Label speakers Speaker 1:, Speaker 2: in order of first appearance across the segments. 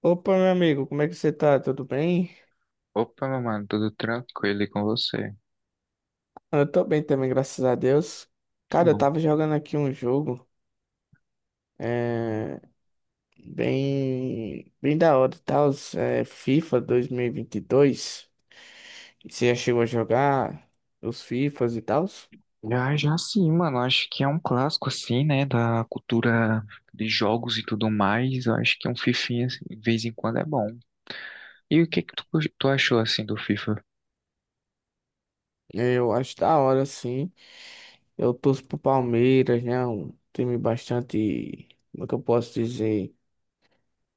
Speaker 1: Opa, meu amigo, como é que você tá? Tudo bem?
Speaker 2: Opa, meu mano, tudo tranquilo e com você?
Speaker 1: Eu tô bem também, graças a Deus.
Speaker 2: Que
Speaker 1: Cara, eu
Speaker 2: bom.
Speaker 1: tava jogando aqui um jogo, é, bem, bem da hora, tá? FIFA 2022. Você já chegou a jogar os FIFAs e tal?
Speaker 2: Já, já sim, mano. Acho que é um clássico, assim, né? Da cultura de jogos e tudo mais. Eu acho que um fifinha, assim, de vez em quando, é bom. E o que que tu, tu achou, assim, do FIFA?
Speaker 1: Eu acho da hora, sim. Eu torço pro Palmeiras, né? Um time bastante, como é que eu posso dizer,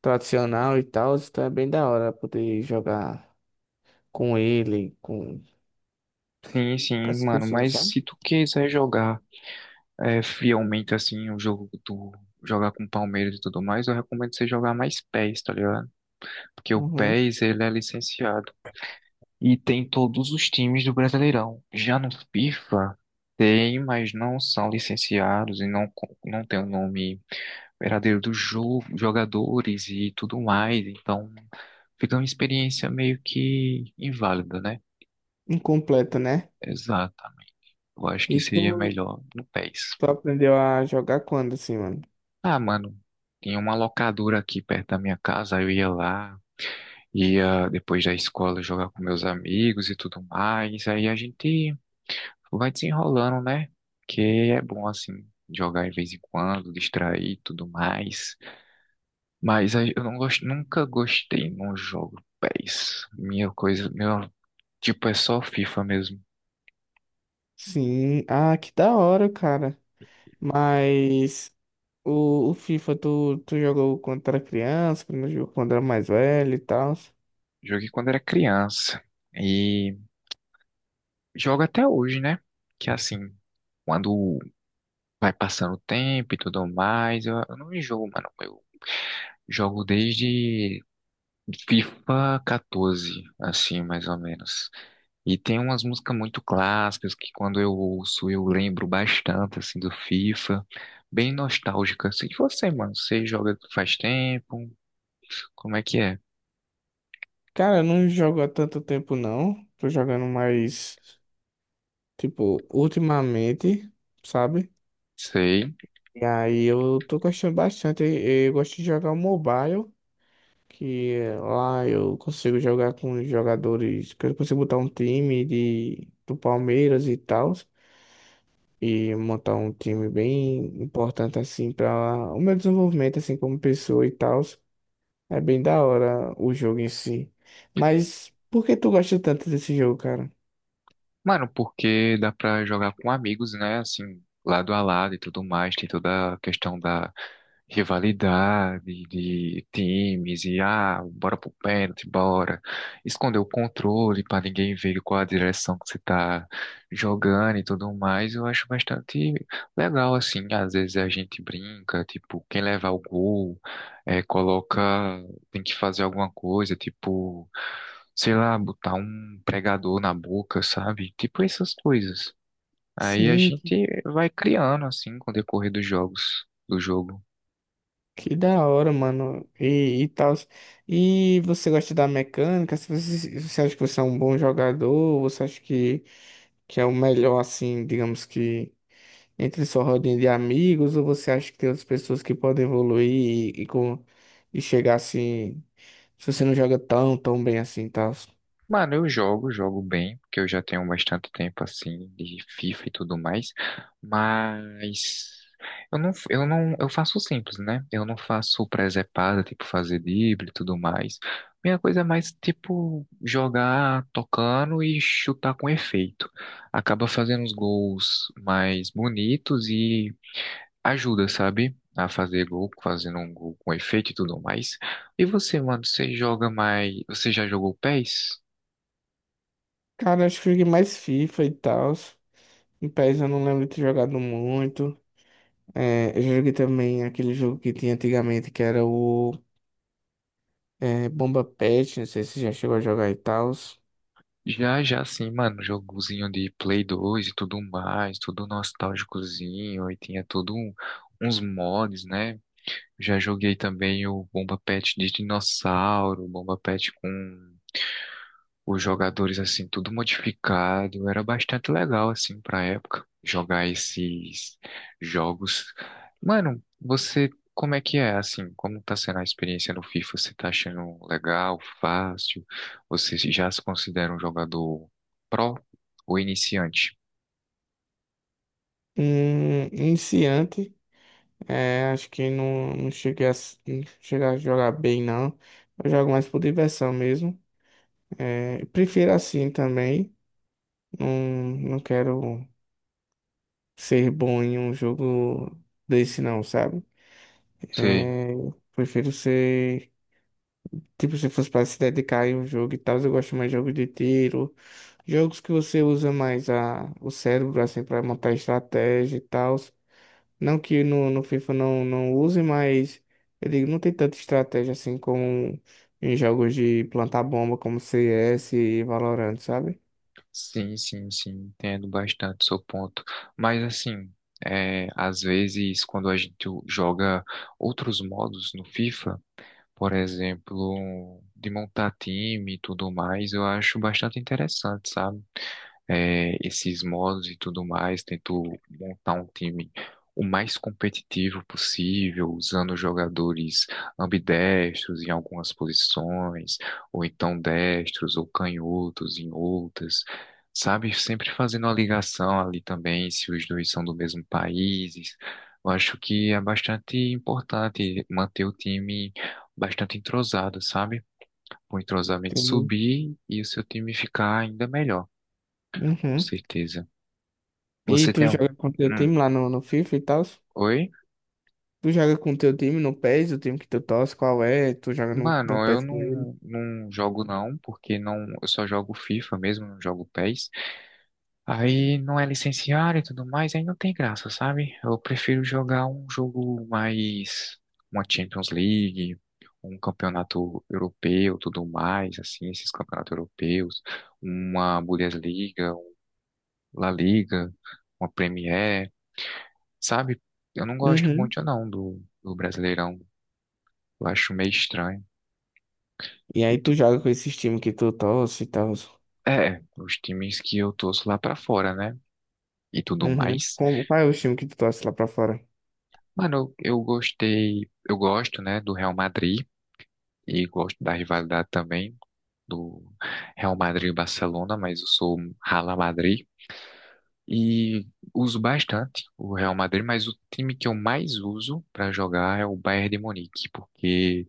Speaker 1: tradicional e tal. Então é bem da hora poder jogar com ele, com
Speaker 2: Sim,
Speaker 1: com
Speaker 2: sim,
Speaker 1: as
Speaker 2: mano.
Speaker 1: pessoas,
Speaker 2: Mas
Speaker 1: sabe?
Speaker 2: se tu quiser jogar é, fielmente, assim, o jogo do... Jogar com o Palmeiras e tudo mais, eu recomendo você jogar mais PES, tá ligado? Porque o
Speaker 1: Uhum.
Speaker 2: PES, ele é licenciado. E tem todos os times do Brasileirão. Já no FIFA, tem, mas não são licenciados e não, não tem o nome verdadeiro dos jo jogadores e tudo mais. Então, fica uma experiência meio que inválida, né?
Speaker 1: Incompleto, né?
Speaker 2: Exatamente. Eu acho que
Speaker 1: E
Speaker 2: seria
Speaker 1: tu,
Speaker 2: melhor no PES.
Speaker 1: tu aprendeu a jogar quando, assim, mano?
Speaker 2: Ah, mano, tinha uma locadora aqui perto da minha casa, eu ia lá, ia depois da escola jogar com meus amigos e tudo mais. Aí a gente vai desenrolando, né? Que é bom, assim, jogar de vez em quando, distrair e tudo mais. Mas aí eu não gosto, nunca gostei num jogo PES. Minha coisa, meu, tipo, é só FIFA mesmo.
Speaker 1: Sim. Ah, que da hora, cara. Mas o FIFA, tu jogou quando era criança, quando jogou quando era mais velho e tal.
Speaker 2: Joguei quando era criança e jogo até hoje, né? Que assim, quando vai passando o tempo e tudo mais, eu não enjoo, mano. Eu jogo desde FIFA 14, assim, mais ou menos. E tem umas músicas muito clássicas que quando eu ouço eu lembro bastante, assim, do FIFA. Bem nostálgica. Assim, e você, mano, você joga faz tempo? Como é que é?
Speaker 1: Cara, eu não jogo há tanto tempo, não. Tô jogando mais, tipo, ultimamente, sabe?
Speaker 2: Sei.
Speaker 1: E aí eu tô gostando bastante. Eu gosto de jogar o mobile. Que lá eu consigo jogar com os jogadores, que eu consigo botar um time do Palmeiras e tal, e montar um time bem importante assim para o meu desenvolvimento assim como pessoa e tal. É bem da hora o jogo em si. Mas por que tu gosta tanto desse jogo, cara?
Speaker 2: Mano, porque dá pra jogar com amigos, né? Assim, lado a lado e tudo mais. Tem toda a questão da rivalidade, de times, e ah, bora pro pênalti, bora. Esconder o controle pra ninguém ver qual a direção que você tá jogando e tudo mais. Eu acho bastante legal, assim. Às vezes a gente brinca, tipo, quem levar o gol, coloca tem que fazer alguma coisa, tipo, sei lá, botar um pregador na boca, sabe? Tipo essas coisas. Aí a
Speaker 1: Sim, que
Speaker 2: gente vai criando assim com o decorrer dos jogos, do jogo.
Speaker 1: que da hora, mano. E tal. E você gosta da mecânica? Se Você, você acha que você é um bom jogador? Você acha que é o melhor, assim, digamos que, entre sua rodinha de amigos, ou você acha que tem outras pessoas que podem evoluir e, e, com, e chegar assim, se você não joga tão bem assim e tal?
Speaker 2: Mano, eu jogo, jogo bem, porque eu já tenho bastante tempo assim de FIFA e tudo mais, mas eu não, eu não, eu faço simples, né? Eu não faço presepada, tipo fazer drible e tudo mais. Minha coisa é mais tipo jogar tocando e chutar com efeito. Acaba fazendo os gols mais bonitos e ajuda, sabe? A fazer gol, fazendo um gol com efeito e tudo mais. E você, mano, você joga mais, você já jogou pés.
Speaker 1: Cara, acho que eu joguei mais FIFA e tal. Em PES eu não lembro de ter jogado muito. É, eu joguei também aquele jogo que tinha antigamente, que era o Bomba Patch, não sei se já chegou a jogar e tal.
Speaker 2: Já, já sim, mano, jogozinho de Play 2 e tudo mais, tudo nostálgicozinho, e tinha tudo uns mods, né? Já joguei também o Bomba Pet de dinossauro, Bomba Pet com os jogadores assim tudo modificado, era bastante legal assim pra época jogar esses jogos. Mano, você como é que é assim? Como tá sendo a experiência no FIFA? Você tá achando legal, fácil? Você já se considera um jogador pró ou iniciante?
Speaker 1: Iniciante, acho que não, não cheguei a jogar bem, não. Eu jogo mais por diversão mesmo. Prefiro assim também. Não, não quero ser bom em um jogo desse não, sabe?
Speaker 2: Sei.
Speaker 1: É, Prefiro ser. Tipo, se fosse para se dedicar em um jogo e tal, eu gosto mais de jogos de tiro, jogos que você usa mais o cérebro, assim, para montar estratégia e tal. Não que no FIFA não, não use, mas eu digo, não tem tanta estratégia assim como em jogos de plantar bomba, como CS e Valorant, sabe?
Speaker 2: Sim, sim, sim, entendo bastante o seu ponto. Mas assim, é, às vezes quando a gente joga outros modos no FIFA, por exemplo, de montar time e tudo mais, eu acho bastante interessante, sabe? É, esses modos e tudo mais, tento montar um time o mais competitivo possível, usando jogadores ambidestros em algumas posições, ou então destros ou canhotos em outras, sabe? Sempre fazendo uma ligação ali também, se os dois são do mesmo país. Eu acho que é bastante importante manter o time bastante entrosado, sabe? Para o entrosamento
Speaker 1: Tem.
Speaker 2: subir e o seu time ficar ainda melhor, com
Speaker 1: Uhum.
Speaker 2: certeza.
Speaker 1: E
Speaker 2: Você
Speaker 1: tu
Speaker 2: tem um.
Speaker 1: joga com teu
Speaker 2: Hum,
Speaker 1: time lá no FIFA e tal?
Speaker 2: Oi?
Speaker 1: Tu joga com teu time no PES, o time que tu torce, qual é? Tu joga no,
Speaker 2: Mano,
Speaker 1: no
Speaker 2: eu
Speaker 1: PES com ele?
Speaker 2: não, não jogo não, porque não, eu só jogo FIFA mesmo, não jogo PES. Aí não é licenciado e tudo mais, aí não tem graça, sabe? Eu prefiro jogar um jogo mais, uma Champions League, um campeonato europeu, tudo mais, assim, esses campeonatos europeus, uma Bundesliga, um La Liga, uma Premier, sabe? Eu não gosto
Speaker 1: Uhum.
Speaker 2: muito não do Brasileirão, eu acho meio estranho.
Speaker 1: E aí tu joga com esses times que tu torce e tal?
Speaker 2: É, os times que eu torço lá pra fora, né? E tudo
Speaker 1: Uhum.
Speaker 2: mais.
Speaker 1: Qual é o time que tu torce lá pra fora?
Speaker 2: Mano, eu gosto, né, do Real Madrid e gosto da rivalidade também do Real Madrid e Barcelona, mas eu sou um Rala Madrid e uso bastante o Real Madrid, mas o time que eu mais uso pra jogar é o Bayern de Munique, porque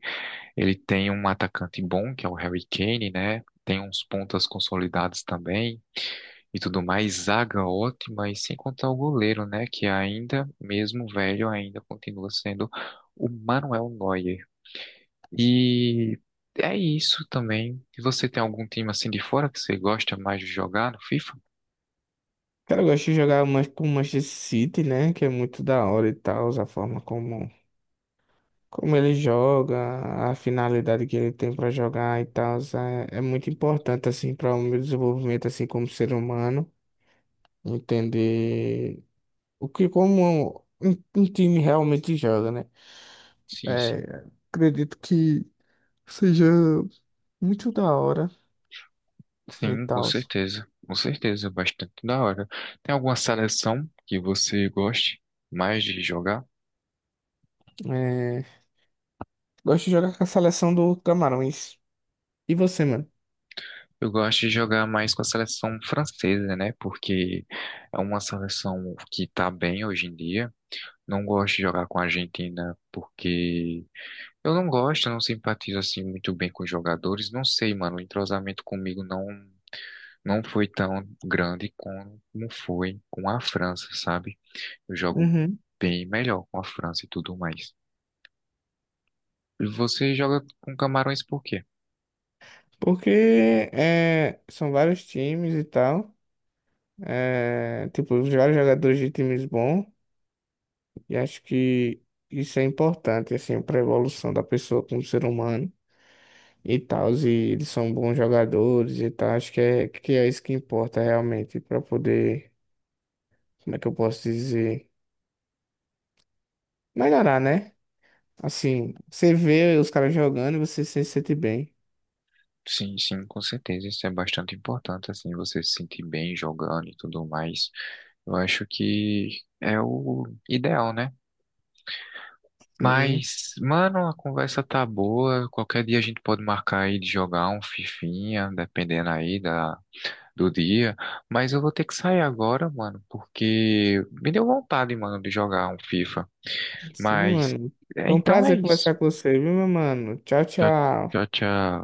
Speaker 2: ele tem um atacante bom, que é o Harry Kane, né? Tem uns pontas consolidados também, e tudo mais, zaga ótima, e sem contar o goleiro, né? Que ainda, mesmo velho, ainda continua sendo o Manuel Neuer. E é isso também. E você tem algum time assim de fora que você gosta mais de jogar no FIFA?
Speaker 1: Cara, eu gosto de jogar mais com o Manchester City, né? Que é muito da hora e tal, a forma como ele joga, a finalidade que ele tem pra jogar e tal, é muito importante, assim, para o meu desenvolvimento, assim, como ser humano, entender o que como um time realmente joga, né?
Speaker 2: Sim, sim.
Speaker 1: É, Acredito que seja muito da hora e
Speaker 2: Sim, com
Speaker 1: tal.
Speaker 2: certeza. Com certeza, é bastante da hora. Tem alguma seleção que você goste mais de jogar?
Speaker 1: É, Gosto de jogar com a seleção do Camarões. E você, mano?
Speaker 2: Eu gosto de jogar mais com a seleção francesa, né? Porque é uma seleção que tá bem hoje em dia. Não gosto de jogar com a Argentina porque eu não gosto, eu não simpatizo assim muito bem com os jogadores. Não sei, mano, o entrosamento comigo não foi tão grande como foi com a França, sabe? Eu jogo
Speaker 1: Uhum.
Speaker 2: bem melhor com a França e tudo mais. E você joga com Camarões por quê?
Speaker 1: Porque são vários times e tal. Tipo, vários jogadores de times bons. E acho que isso é importante, assim, para a evolução da pessoa como ser humano, e tal, e eles são bons jogadores e tal. Acho que que é isso que importa realmente para poder, como é que eu posso dizer, melhorar, né? Assim, você vê os caras jogando e você se sente bem.
Speaker 2: Sim, sim, com certeza, isso é bastante importante, assim, você se sentir bem jogando e tudo mais. Eu acho que é o ideal, né?
Speaker 1: Sim,
Speaker 2: Mas, mano, a conversa tá boa. Qualquer dia a gente pode marcar aí de jogar um fifinha, dependendo aí do dia. Mas eu vou ter que sair agora, mano, porque me deu vontade, mano, de jogar um FIFA.
Speaker 1: sim,
Speaker 2: Mas,
Speaker 1: mano.
Speaker 2: é,
Speaker 1: Foi um
Speaker 2: então é
Speaker 1: prazer
Speaker 2: isso.
Speaker 1: conversar com você, viu, meu mano? Tchau,
Speaker 2: Tchau, tchau,
Speaker 1: tchau.
Speaker 2: tchau.